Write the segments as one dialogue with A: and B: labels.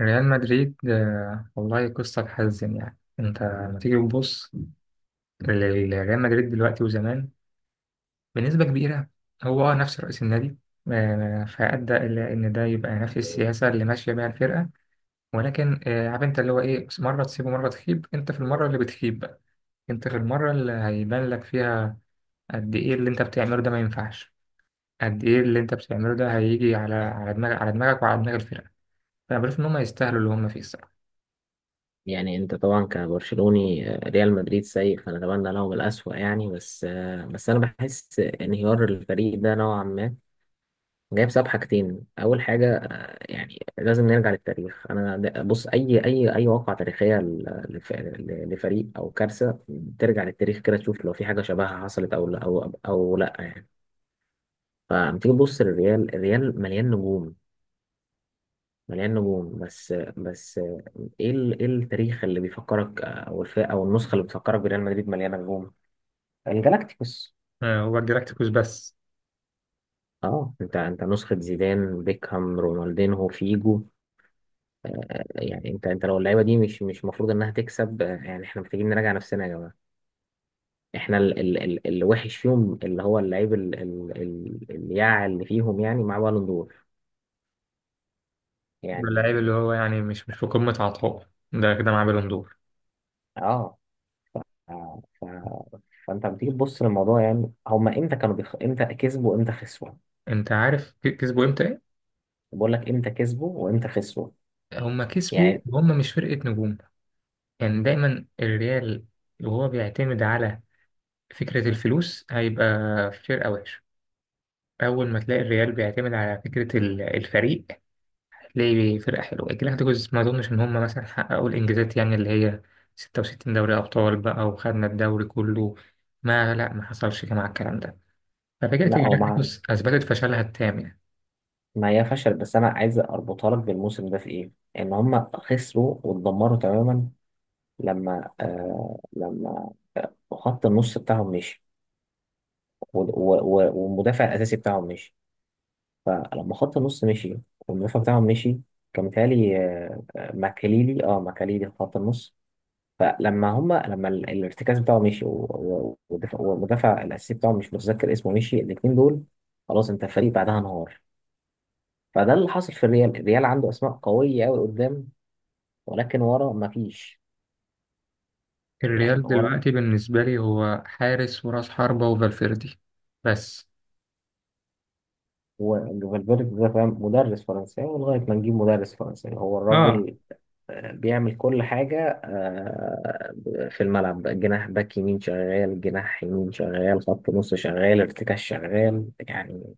A: ريال مدريد، والله قصة تحزن. يعني انت لما تيجي تبص لريال مدريد دلوقتي وزمان بنسبة كبيرة هو نفس رئيس النادي. فأدى إلى إن ده يبقى نفس السياسة اللي ماشية بيها الفرقة. ولكن عارف انت اللي هو ايه، مرة تسيب ومرة تخيب. انت في المرة اللي بتخيب بقى، انت في المرة اللي هيبان لك فيها قد ايه اللي انت بتعمله ده ما ينفعش. قد ايه اللي انت بتعمله ده هيجي على على دماغ على دماغك وعلى دماغ الفرقة. فأنا بشوف إن هم يستاهلوا اللي هم فيه الصراحة.
B: يعني انت طبعا كبرشلوني، ريال مدريد سيء فنتمنى لهم الأسوأ يعني بس، بس انا بحس انهيار الفريق ده نوعا ما جاي بسبب حاجتين. اول حاجة، يعني لازم نرجع للتاريخ. بص اي واقعة تاريخية لفريق او كارثة ترجع للتاريخ كده تشوف لو في حاجة شبهها حصلت او لا، او لا يعني. فلما تيجي تبص للريال، الريال مليان نجوم، مليان نجوم بس. ايه ايه التاريخ اللي بيفكرك، او الفئه او النسخه اللي بتفكرك بريال مدريد مليانه نجوم؟ الجالاكتيكوس.
A: هو الجلاكتيكوس بس.
B: اه، انت نسخه زيدان، بيكهام، رونالدينهو، فيجو. يعني انت لو اللعيبه دي مش المفروض انها تكسب، يعني احنا محتاجين نراجع نفسنا يا جماعه. احنا ال اللي وحش فيهم اللي هو اللعيب ال الياع اللي فيهم، يعني مع بالون دور
A: اللعيب
B: يعني.
A: اللي هو يعني مش في قمة عطائه ده كده معاه بالون دور.
B: اه، آه، ف فانت لما تيجي تبص للموضوع، يعني هما امتى امتى كسبوا وامتى خسروا؟
A: انت عارف كسبوا امتى ايه؟
B: بقول لك امتى كسبوا وامتى خسروا
A: هما كسبوا
B: يعني.
A: وهم مش فرقة نجوم. يعني دايما الريال وهو بيعتمد على فكرة الفلوس هيبقى فرقة وحشة. أول ما تلاقي الريال بيعتمد على فكرة الفريق هتلاقي فرقة حلوة. الجلاكتيكوس ما أظنش إن هما مثلا حققوا الإنجازات، يعني اللي هي 66 دوري أبطال بقى وخدنا الدوري كله. ما لا، ما حصلش مع الكلام ده.
B: لا
A: ففكرة
B: هو
A: الجلاكتيكوس أثبتت فشلها التام يعني.
B: ما هي فشل، بس انا عايز اربطها لك بالموسم ده في ايه. ان هم خسروا واتدمروا تماما لما لما، خط النص بتاعهم مشي والمدافع الاساسي بتاعهم مشي. فلما خط النص مشي والمدافع بتاعهم مشي، كان متهيألي ماكاليلي، اه ماكاليلي في خط النص. فلما هم لما الارتكاز بتاعه مشي والدفاع والمدافع الاساسي بتاعهم مش متذكر اسمه مشي، الاثنين دول خلاص انت الفريق بعدها انهار. فده اللي حصل في الريال. الريال عنده اسماء قويه قوي قدام، ولكن ورا ما فيش. يعني
A: الريال
B: ورا
A: دلوقتي بالنسبة لي هو حارس وراس حربة وفالفيردي بس.
B: هو فالفيردي ده فاهم. مدرس فرنساوي لغايه ما نجيب مدرس فرنساوي، هو
A: اه
B: الراجل، بيعمل كل حاجه، في الملعب جناح باك يمين شغال، جناح يمين شغال، خط نص شغال، ارتكاز شغال يعني.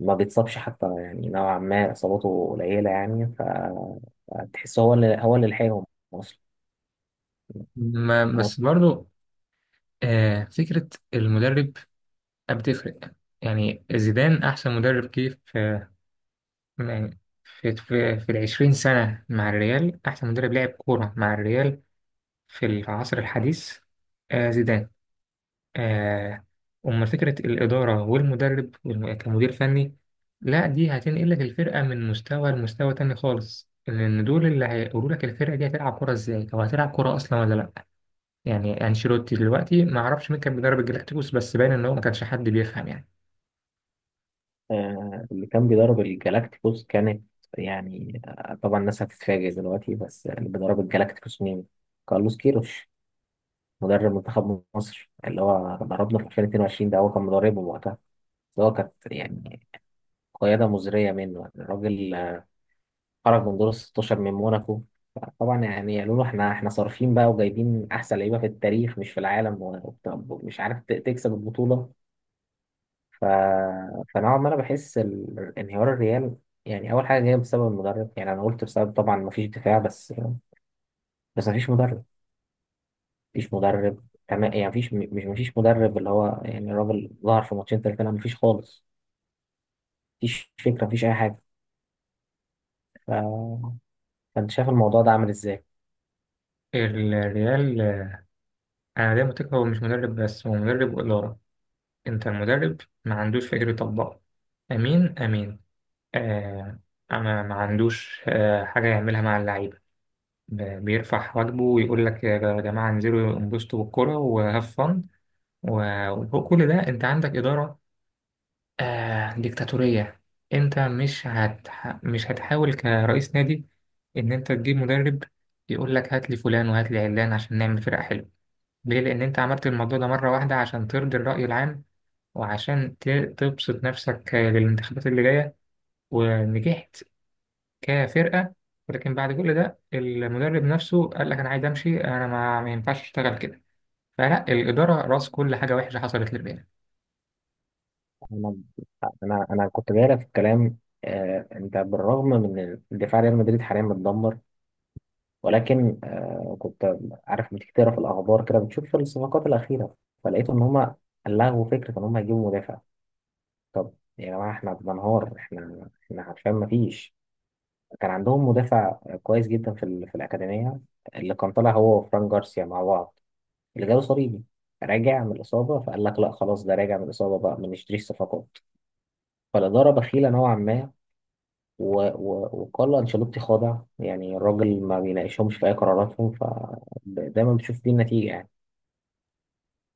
B: ما بيتصابش حتى يعني، نوعا ما اصاباته قليله يعني. فتحس هو اللي لحقهم اصلا.
A: ما بس برضو فكرة المدرب بتفرق. يعني زيدان أحسن مدرب جه في، يعني في العشرين سنة مع الريال أحسن مدرب لعب كورة مع الريال في العصر الحديث. زيدان. آه، أمال فكرة الإدارة والمدرب كمدير فني، لا دي هتنقل لك الفرقة من مستوى لمستوى تاني خالص، لأن دول اللي هيقولوا لك الفرقة دي هتلعب كرة إزاي أو هتلعب كرة أصلا ولا لأ. يعني أنشيلوتي دلوقتي ما أعرفش مين كان بيدرب الجلاكتيكوس، بس باين إن هو ما كانش حد بيفهم يعني.
B: اللي كان بيدرب الجالاكتيكوس كانت، يعني طبعا الناس هتتفاجئ دلوقتي، بس اللي بيدرب الجالاكتيكوس مين؟ كارلوس كيروش، مدرب منتخب مصر اللي هو دربنا في 2022، ده هو كان مدربه وقتها. بس هو كانت يعني قيادة مزرية منه الراجل، خرج من دور ال 16 من موناكو. طبعا يعني قالوا له احنا احنا صارفين بقى وجايبين احسن لعيبه في التاريخ مش في العالم، ومش عارف تكسب البطوله. ف... فنوعا ما انا بحس انهيار الريال يعني اول حاجه جايه بسبب المدرب. يعني انا قلت بسبب طبعا ما فيش دفاع بس، بس ما فيش مدرب. ما فيش مدرب تمام يعني. ما فيش، مش ما فيش مدرب اللي هو يعني الراجل ظهر في ماتشين ثلاثه، لا ما فيش خالص. ما فيش فكره، ما فيش اي حاجه. ف... فانت شايف الموضوع ده عامل ازاي؟
A: الريال أنا دايما متأكد هو مش مدرب، بس هو مدرب وإدارة. أنت المدرب ما عندوش فكر يطبقه، أمين أمين، آه ما عندوش حاجة يعملها مع اللعيبة. بيرفع واجبه ويقول لك يا جماعة انزلوا انبسطوا بالكرة وهاف فن. وفوق كل ده انت عندك إدارة ديكتاتورية. انت مش هتحاول كرئيس نادي ان انت تجيب مدرب يقول لك هات لي فلان وهات لي علان عشان نعمل فرقة حلوة. ليه؟ لأن انت عملت الموضوع ده مرة واحدة عشان ترضي الرأي العام وعشان تبسط نفسك للانتخابات اللي جاية، ونجحت كفرقة. ولكن بعد كل ده المدرب نفسه قال لك أنا عايز أمشي، أنا ما ينفعش أشتغل كده. فلا، الإدارة رأس كل حاجة وحشة حصلت للريال.
B: انا انا كنت جاي لك في الكلام، انت بالرغم من إن دفاع ريال مدريد حاليا متدمر، ولكن آه كنت عارف لما تيجي تقرا في الاخبار كده بتشوف الصفقات الاخيره، فلقيت ان هم لغوا فكره ان هم يجيبوا مدافع. طب يا جماعه احنا بننهار، احنا عارفين ما فيش. كان عندهم مدافع كويس جدا في في الاكاديميه، اللي كان طالع هو وفران جارسيا مع بعض، اللي جاله صليبي راجع من الاصابه، فقال لك لا خلاص ده راجع من الاصابه بقى، ما نشتريش صفقات. فالاداره بخيله نوعا ما، وكارلو انشيلوتي خاضع يعني. الراجل ما بيناقشهمش في اي قراراتهم، ف دايما بتشوف دي النتيجه يعني.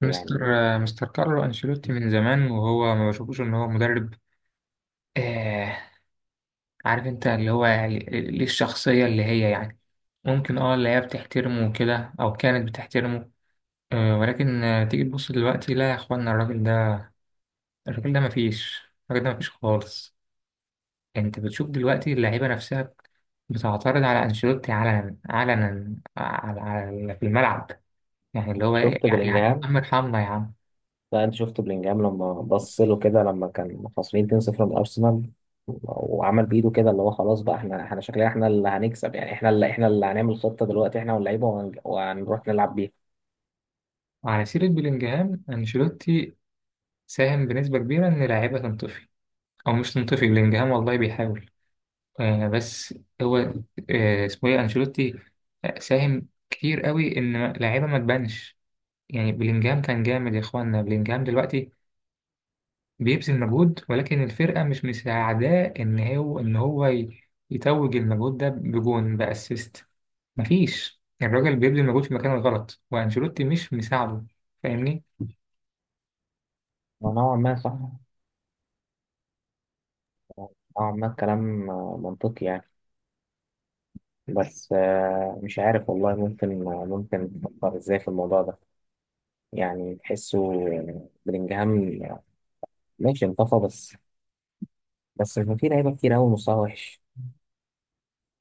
A: مستر
B: يعني
A: مستر كارلو أنشيلوتي من زمان وهو ما بشوفوش إن هو مدرب. آه عارف أنت اللي هو يعني ليه، الشخصية اللي هي يعني ممكن اللي هي بتحترمه وكده، أو كانت بتحترمه. ولكن تيجي تبص دلوقتي، لا يا إخوانا، الراجل ده. الراجل ده مفيش. الراجل ده مفيش خالص. انت بتشوف دلوقتي اللعيبه نفسها بتعترض على انشيلوتي علنا علنا على على في الملعب. يعني اللي هو إيه،
B: شفت
A: يعني يا
B: بلينجهام؟
A: عم ارحمنا يا عم.
B: لا انت شفت بلينجهام لما بص له كده لما كان خسرين 2-0 من ارسنال، وعمل بايده كده اللي هو خلاص بقى احنا، احنا شكلنا احنا اللي هنكسب يعني. احنا اللي هنعمل خطة دلوقتي احنا واللعيبة وهنروح نلعب بيها.
A: وعلى سيره بلينجهام، انشيلوتي ساهم بنسبه كبيره ان لعيبه تنطفي، او مش تنطفي بلينجهام والله بيحاول. بس هو اسمه ايه انشيلوتي، ساهم كتير قوي ان لعيبه ما تبانش. يعني بلينجهام كان جامد يا اخوانا. بلينجهام دلوقتي بيبذل مجهود، ولكن الفرقة مش مساعداه إن هو يتوج المجهود ده بجون بأسيست. مفيش، الراجل بيبذل مجهود في مكان غلط وأنشيلوتي مش مساعده. فاهمني؟
B: نوعا ما صح، نوعا ما الكلام منطقي يعني. بس، مش عارف والله، ممكن تفكر ازاي في الموضوع ده؟ يعني تحسه بلينجهام ماشي انطفى، بس بس كان في لعيبة كتير قوي مستواها وحش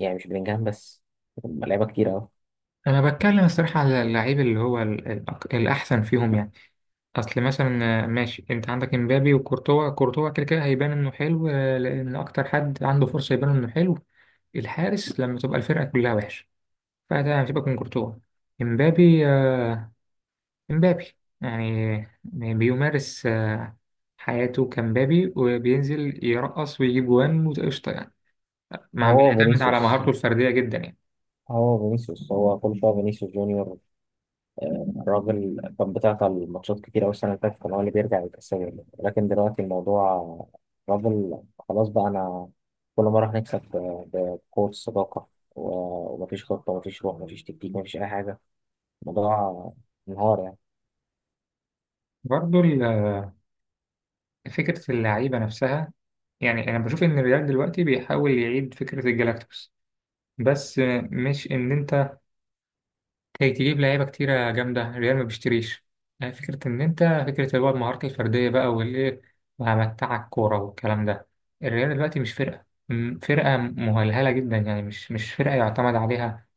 B: يعني. مش بلينجهام بس، هما لعيبه كتير أوي.
A: أنا بتكلم الصراحة على اللعيب اللي هو الأحسن فيهم يعني. أصل مثلا ماشي أنت عندك إمبابي وكورتوا. كورتوا كده كده هيبان إنه حلو، لأن أكتر حد عنده فرصة يبان إنه حلو الحارس لما تبقى الفرقة كلها وحشة. فتمام، سيبك من كورتوا. إمبابي امبابي يعني بيمارس حياته كمبابي، وبينزل يرقص ويجيب جوان وقشطة يعني. مع
B: هو
A: بيعتمد على
B: فينيسيوس،
A: مهارته الفردية جدا يعني.
B: هو كل شويه فينيسيوس جونيور، الراجل كان بتاع الماتشات كتير أوي. السنة اللي فاتت كان هو اللي بيرجع يتأثر، لكن دلوقتي الموضوع، الراجل خلاص بقى. أنا كل مرة هنكسب بقوة الصداقة، ومفيش خطة، ومفيش روح، ومفيش تكتيك، مفيش أي حاجة. الموضوع انهار يعني.
A: برضه فكرة اللعيبة نفسها، يعني أنا بشوف إن الريال دلوقتي بيحاول يعيد فكرة الجلاكتوس. بس مش إن أنت كي تجيب لعيبة كتيرة جامدة، الريال ما بيشتريش. يعني فكرة إن أنت، فكرة اللي هو المهارات الفردية بقى والإيه وهمتعك كورة والكلام ده، الريال دلوقتي مش فرقة فرقة مهلهلة جدا يعني. مش فرقة يعتمد عليها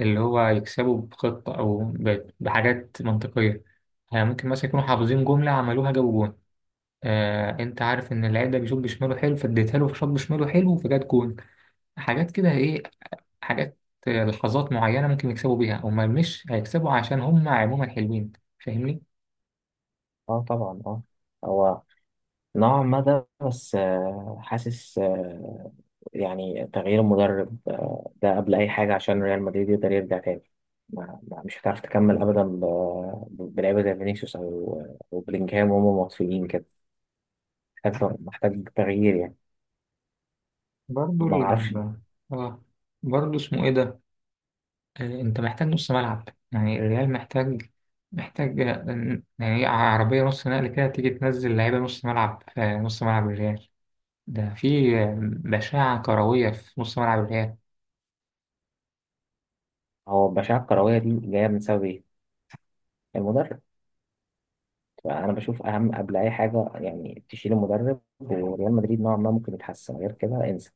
A: اللي هو يكسبوا بخطة أو بحاجات منطقية. يعني ممكن مثلا يكونوا حافظين جملة عملوها جابوا جون، أنت عارف إن اللعيب ده بيشوط بشماله حلو فاديتها له في شوط بشماله حلو فجات جون. حاجات كده إيه، حاجات، لحظات معينة ممكن يكسبوا بيها. هما مش هيكسبوا عشان هما عموما حلوين. فاهمني؟
B: اه طبعا اه، هو نوعا ما ده، بس، حاسس، يعني تغيير المدرب، ده قبل أي حاجة عشان ريال مدريد يقدر يرجع تاني. مش هتعرف تكمل أبدا بلعيبة زي فينيسيوس أو أو بلينجهام وهم مطفيين كده. محتاج تغيير يعني،
A: برضو
B: ما أعرفش.
A: اه برضو اسمه ايه ده، انت محتاج نص ملعب. يعني الريال محتاج يعني عربية نص نقل كده تيجي تنزل لعيبة نص ملعب. نص ملعب الريال ده في بشاعة كروية في نص ملعب الريال.
B: هو البشاعة الكروية دي جاية من سبب إيه؟ المدرب. فأنا بشوف أهم قبل أي حاجة يعني تشيل المدرب، وريال مدريد نوعا ما ممكن يتحسن، غير كده انسى.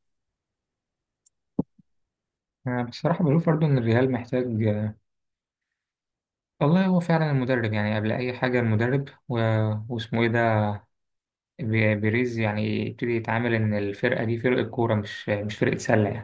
A: أنا بصراحة بشوف برضو إن الريال محتاج. والله هو فعلا المدرب يعني قبل أي حاجة المدرب واسمه إيه ده، بيريز، يعني يبتدي يتعامل إن الفرقة دي فرقة كورة مش فرقة سلة يعني